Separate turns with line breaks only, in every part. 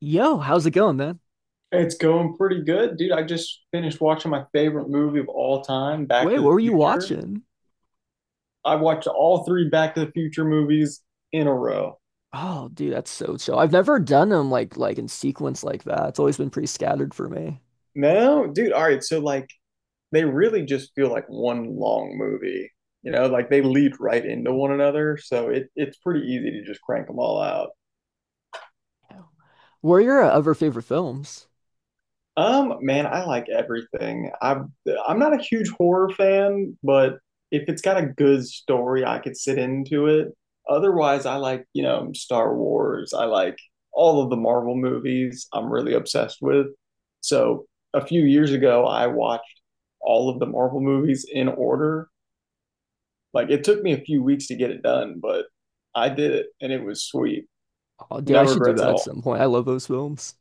Yo, how's it going, man?
It's going pretty good, dude. I just finished watching my favorite movie of all time, Back
Wait,
to
what
the
were you
Future.
watching?
I watched all three Back to the Future movies in a row.
Oh, dude, that's so chill. I've never done them like in sequence like that. It's always been pretty scattered for me.
No, dude. All right. They really just feel like one long movie. Like they lead right into one another. So it's pretty easy to just crank them all out.
Yeah. What are your other favorite films?
Man, I like everything. I'm not a huge horror fan, but if it's got a good story, I could sit into it. Otherwise, I like, Star Wars. I like all of the Marvel movies. I'm really obsessed with. So, a few years ago, I watched all of the Marvel movies in order. Like it took me a few weeks to get it done, but I did it and it was sweet.
Oh, dude, I
No
should do
regrets at
that at
all.
some point. I love those films.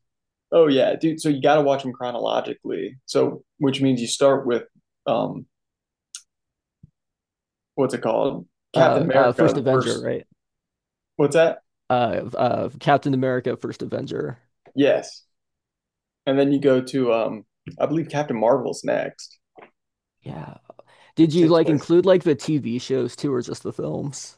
Oh yeah, dude. So you got to watch them chronologically. So which means you start with um what's it called? Captain
First
America, the
Avenger,
first.
right?
What's that?
Captain America, First Avenger.
Yes. And then you go to I believe Captain Marvel's next,
Yeah. Did
which
you
takes
like
place.
include like the TV shows too, or just the films?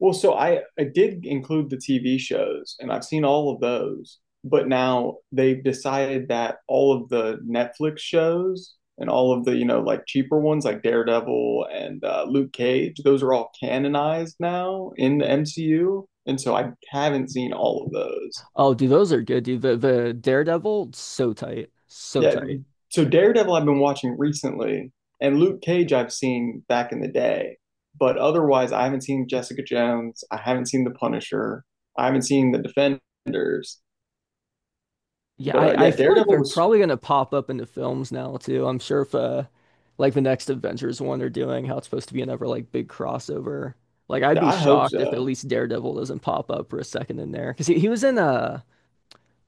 Well, so I did include the TV shows and I've seen all of those, but now they've decided that all of the Netflix shows and all of the, like cheaper ones like Daredevil and Luke Cage, those are all canonized now in the MCU, and so I haven't seen all of those.
Oh, dude, those are good, dude. The Daredevil, so tight, so
Yeah,
tight.
so Daredevil I've been watching recently, and Luke Cage I've seen back in the day, but otherwise I haven't seen Jessica Jones, I haven't seen The Punisher, I haven't seen The Defenders.
Yeah,
But
I,
uh,
I
yeah,
feel like
Daredevil
they're
was.
probably going to pop up into films now too. I'm sure if like the next Avengers one they're doing, how it's supposed to be another like big crossover. Like I'd be
I hope
shocked if at
so.
least Daredevil doesn't pop up for a second in there because he was in uh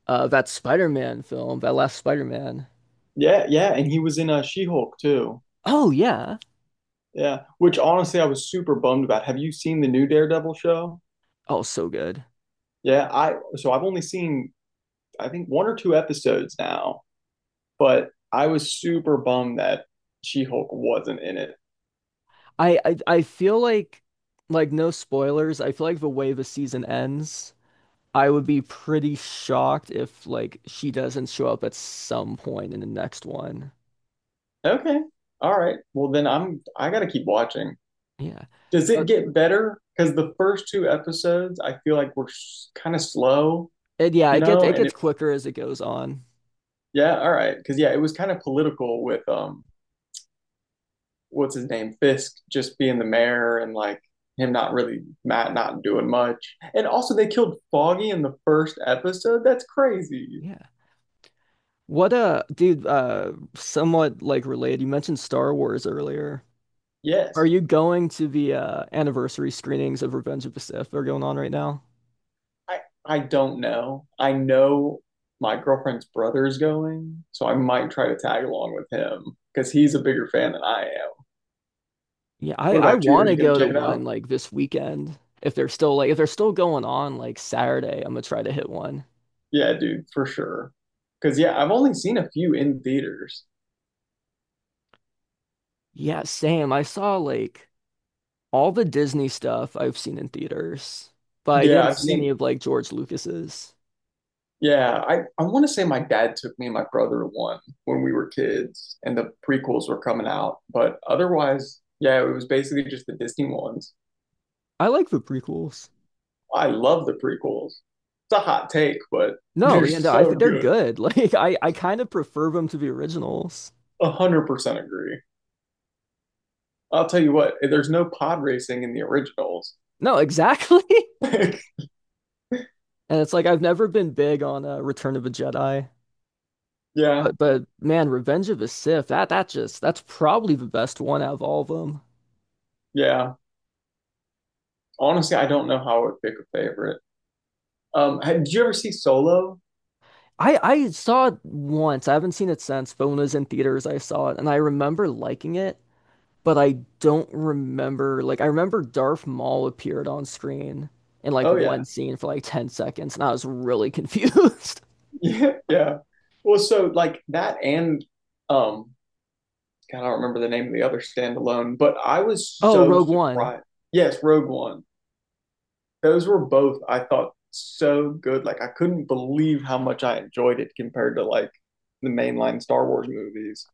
uh that Spider-Man film, that last Spider-Man.
Yeah, yeah, and he was in She-Hulk too.
Oh yeah.
Yeah, which honestly I was super bummed about. Have you seen the new Daredevil show?
Oh, so good.
Yeah, I so I've only seen I think one or two episodes now, but I was super bummed that She-Hulk wasn't in it.
I feel like no spoilers. I feel like the way the season ends, I would be pretty shocked if like she doesn't show up at some point in the next one.
Okay. All right. Well, then I gotta keep watching.
Yeah.
Does it
But
get better? Because the first two episodes, I feel like were kind of slow,
and yeah,
you
it gets
know?
it
And
gets
it,
quicker as it goes on.
yeah, all right. Because yeah, it was kind of political with what's his name, Fisk, just being the mayor and like him not really Matt not doing much. And also, they killed Foggy in the first episode. That's crazy.
Yeah. What dude, somewhat like related, you mentioned Star Wars earlier. Are
Yes.
you going to the anniversary screenings of Revenge of the Sith that are going on right now?
I I don't know. I know my girlfriend's brother is going, so I might try to tag along with him because he's a bigger fan than I am.
Yeah, I
What
I
about you? Are
want to
you going to
go to
check it
one
out?
like this weekend. If they're still like if they're still going on like Saturday, I'm gonna try to hit one.
Yeah, dude, for sure. Because yeah, I've only seen a few in theaters.
Yeah, same. I saw like all the Disney stuff I've seen in theaters, but I
Yeah,
didn't
I've
see any
seen.
of like George Lucas's.
Yeah, I want to say my dad took me and my brother to one when we were kids, and the prequels were coming out. But otherwise, yeah, it was basically just the Disney ones.
I like the prequels.
I love the prequels. It's a hot take, but
No,
they're
yeah, no, I
so
think they're
good.
good. Like I kind of prefer them to the originals.
100% agree. I'll tell you what, there's no pod racing in the originals.
No, exactly. And it's like I've never been big on Return of the Jedi,
yeah,
but man, Revenge of the Sith, that's probably the best one out of all of them.
yeah. Honestly, I don't know how I would pick a favorite. Did you ever see Solo?
I saw it once. I haven't seen it since, but when it was in theaters, I saw it and I remember liking it, but I don't remember I remember Darth Maul appeared on screen in like
Oh
one
yeah,
scene for like 10 seconds and I was really confused.
yeah, yeah. Well, so like that and um, God, I don't remember the name of the other standalone, but I was
Oh,
so
Rogue One.
surprised. Yes, Rogue One. Those were both, I thought, so good. Like I couldn't believe how much I enjoyed it compared to like the mainline Star Wars movies.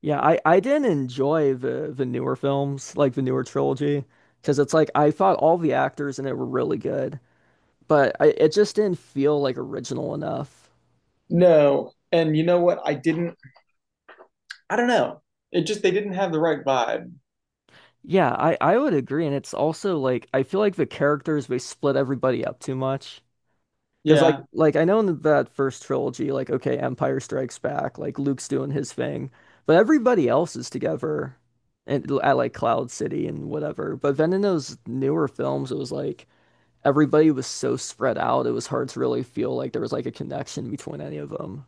Yeah, I didn't enjoy the newer films, like the newer trilogy, because it's like I thought all the actors in it were really good, but it just didn't feel like original enough.
No. And you know what? I don't know. It just, they didn't have the right vibe.
Yeah, I would agree, and it's also like I feel like the characters they split everybody up too much. Because like
Yeah.
like I know in that first trilogy, like okay, Empire Strikes Back, like Luke's doing his thing, but everybody else is together, and at like Cloud City and whatever. But then in those newer films, it was like everybody was so spread out, it was hard to really feel like there was like a connection between any of them.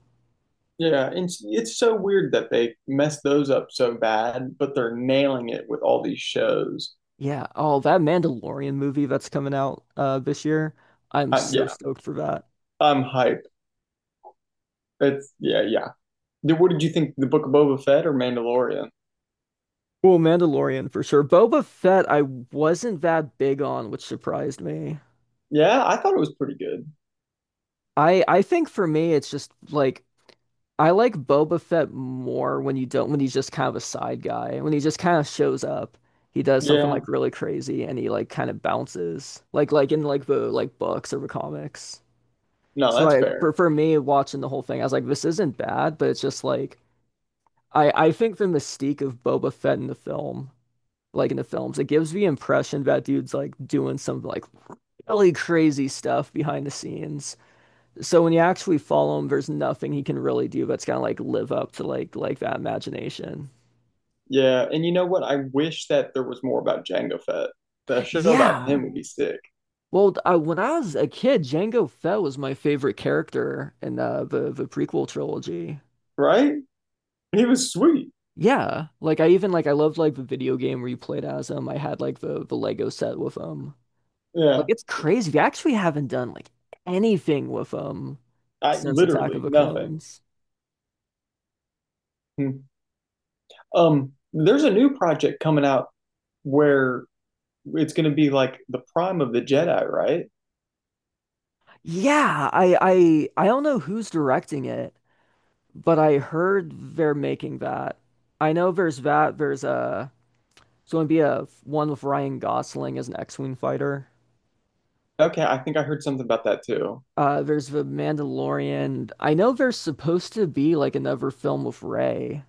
Yeah. And it's so weird that they messed those up so bad, but they're nailing it with all these shows.
Yeah. Oh, that Mandalorian movie that's coming out this year. I'm so
Yeah.
stoked for that.
I'm hype. It's, yeah. Yeah. What did you think? The Book of Boba Fett or Mandalorian?
Well, Mandalorian for sure. Boba Fett, I wasn't that big on, which surprised me.
Yeah. I thought it was pretty good.
I think for me it's just like I like Boba Fett more when you don't when he's just kind of a side guy. When he just kind of shows up, he does something
Yeah.
like really crazy and he like kind of bounces. Like in like the like books or the comics.
No,
So
that's
for
fair.
me, watching the whole thing, I was like, this isn't bad, but it's just like I think the mystique of Boba Fett in the film, like in the films, it gives the impression that dude's like doing some like really crazy stuff behind the scenes. So when you actually follow him, there's nothing he can really do that's gonna like live up to like that imagination.
Yeah. And you know what? I wish that there was more about Jango Fett. The show about
Yeah.
him would be sick,
Well, when I was a kid, Jango Fett was my favorite character in the prequel trilogy.
right? He was sweet.
Yeah, like I loved like the video game where you played as them. I had like the Lego set with them. Like
Yeah.
it's crazy. We actually haven't done like anything with them
I
since Attack
literally
of the
nothing.
Clones.
Hmm. There's a new project coming out where it's going to be like the prime of the Jedi, right?
Yeah, I don't know who's directing it, but I heard they're making that. I know there's that. There's it's going to be a one with Ryan Gosling as an X-Wing fighter.
Okay, I think I heard something about that too.
There's the Mandalorian. I know there's supposed to be like another film with Rey.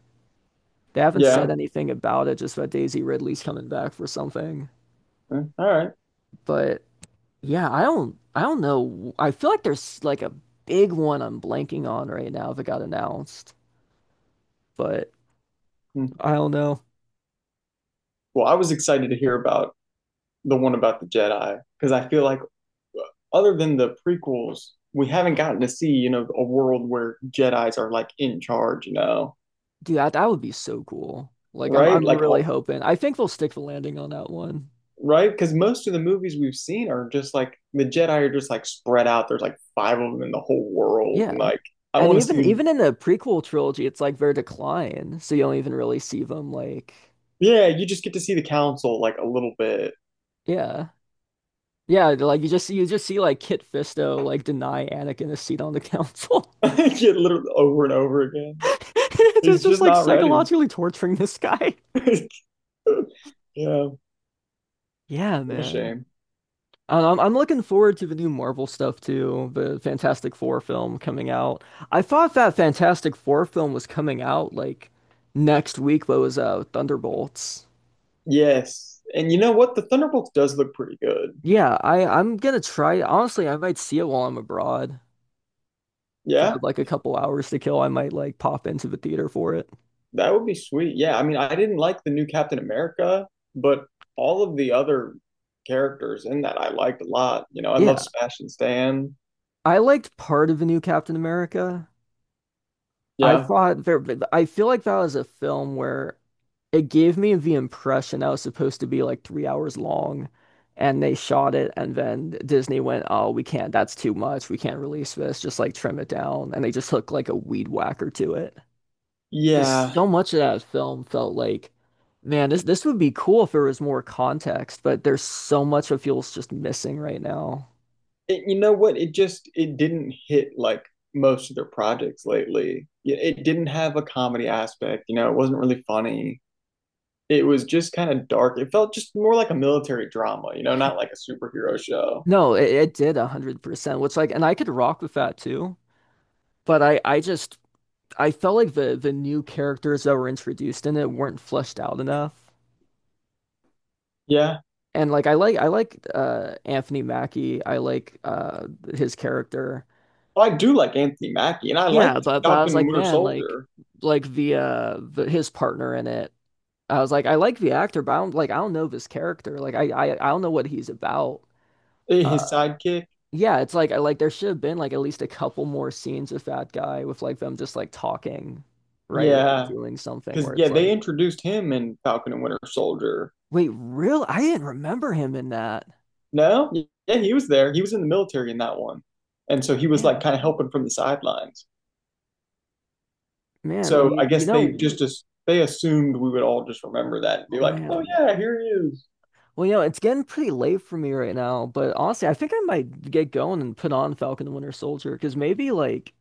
They haven't said
Yeah.
anything about it, just that Daisy Ridley's coming back for something.
Mm, all right.
But yeah, I don't know. I feel like there's like a big one I'm blanking on right now that got announced. But
Hmm.
I don't know.
Well, I was excited to hear about the one about the Jedi because I feel like uh, other than the prequels, we haven't gotten to see, you know, a world where Jedis are like in charge, you know,
Dude, that, that would be so cool. Like
right?
I'm
Like
really
all,
hoping. I think they'll stick the landing on that one.
right? Because most of the movies we've seen are just like the Jedi are just like spread out. There's like five of them in the whole world. And,
Yeah.
like I
And
want to
even
see,
even in the prequel trilogy, it's like their decline, so you don't even really see them like
yeah, you just get to see the council like a little bit,
yeah. Yeah, like you just see like Kit Fisto like deny Anakin a seat on the council.
get literally over and over again.
It's
He's
just
just
like
not ready.
psychologically torturing this guy.
yeah,
Yeah,
what a
man.
shame.
I- am I'm looking forward to the new Marvel stuff too, the Fantastic Four film coming out. I thought that Fantastic Four film was coming out like next week, but it was Thunderbolts.
Yes, and you know what? The Thunderbolts does look pretty good.
Yeah, I'm gonna try. Honestly, I might see it while I'm abroad. If I
Yeah.
have like a couple hours to kill, I might like pop into the theater for it.
That would be sweet. Yeah, I mean, I didn't like the new Captain America, but all of the other characters in that I liked a lot. You know, I love
Yeah,
Smash and Stan.
I liked part of the new Captain America. I
Yeah.
thought there, but I feel like that was a film where it gave me the impression that was supposed to be like 3 hours long, and they shot it, and then Disney went, "Oh, we can't. That's too much. We can't release this. Just like trim it down." And they just hooked like a weed whacker to it. Because
Yeah.
so much of that film felt like, man, this would be cool if there was more context, but there's so much that feels just missing right now.
It, you know what? It just it didn't hit like most of their projects lately. It didn't have a comedy aspect, you know, it wasn't really funny. It was just kind of dark. It felt just more like a military drama, you know, not like a superhero show.
No, it did 100%, which like, and I could rock with that too. But I just I felt like the new characters that were introduced in it weren't fleshed out enough.
Yeah.
And I like Anthony Mackie. I like his character.
I do like Anthony Mackie and I
Yeah,
liked
but I was
Falcon and
like,
Winter
man, like
Soldier,
like the his partner in it. I was like, I like the actor, but I don't know this character. I don't know what he's about. Uh,
his sidekick.
yeah, it's like I like there should have been like at least a couple more scenes with that guy with like them just like talking, right? Or like
Yeah,
doing something
because
where
yeah,
it's
they
like
introduced him in Falcon and Winter Soldier.
wait, real? I didn't remember him in that.
No, yeah, yeah, he was there. He was in the military in that one, and so he was like
Yeah,
kind of helping from the sidelines.
man. Well,
So I
you
guess they
know,
just they assumed we would all just remember that and be like, oh
man.
yeah, here he is.
Well, you know, it's getting pretty late for me right now, but honestly, I think I might get going and put on Falcon and Winter Soldier because maybe like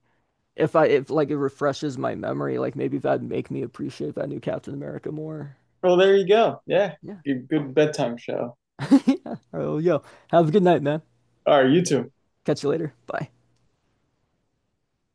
if like it refreshes my memory, like maybe that'd make me appreciate that new Captain America more.
Well, there you go. Yeah,
Yeah.
good, good bedtime show.
Yeah. Oh, yo, have a good night, man.
All right, you two.
Catch you later. Bye.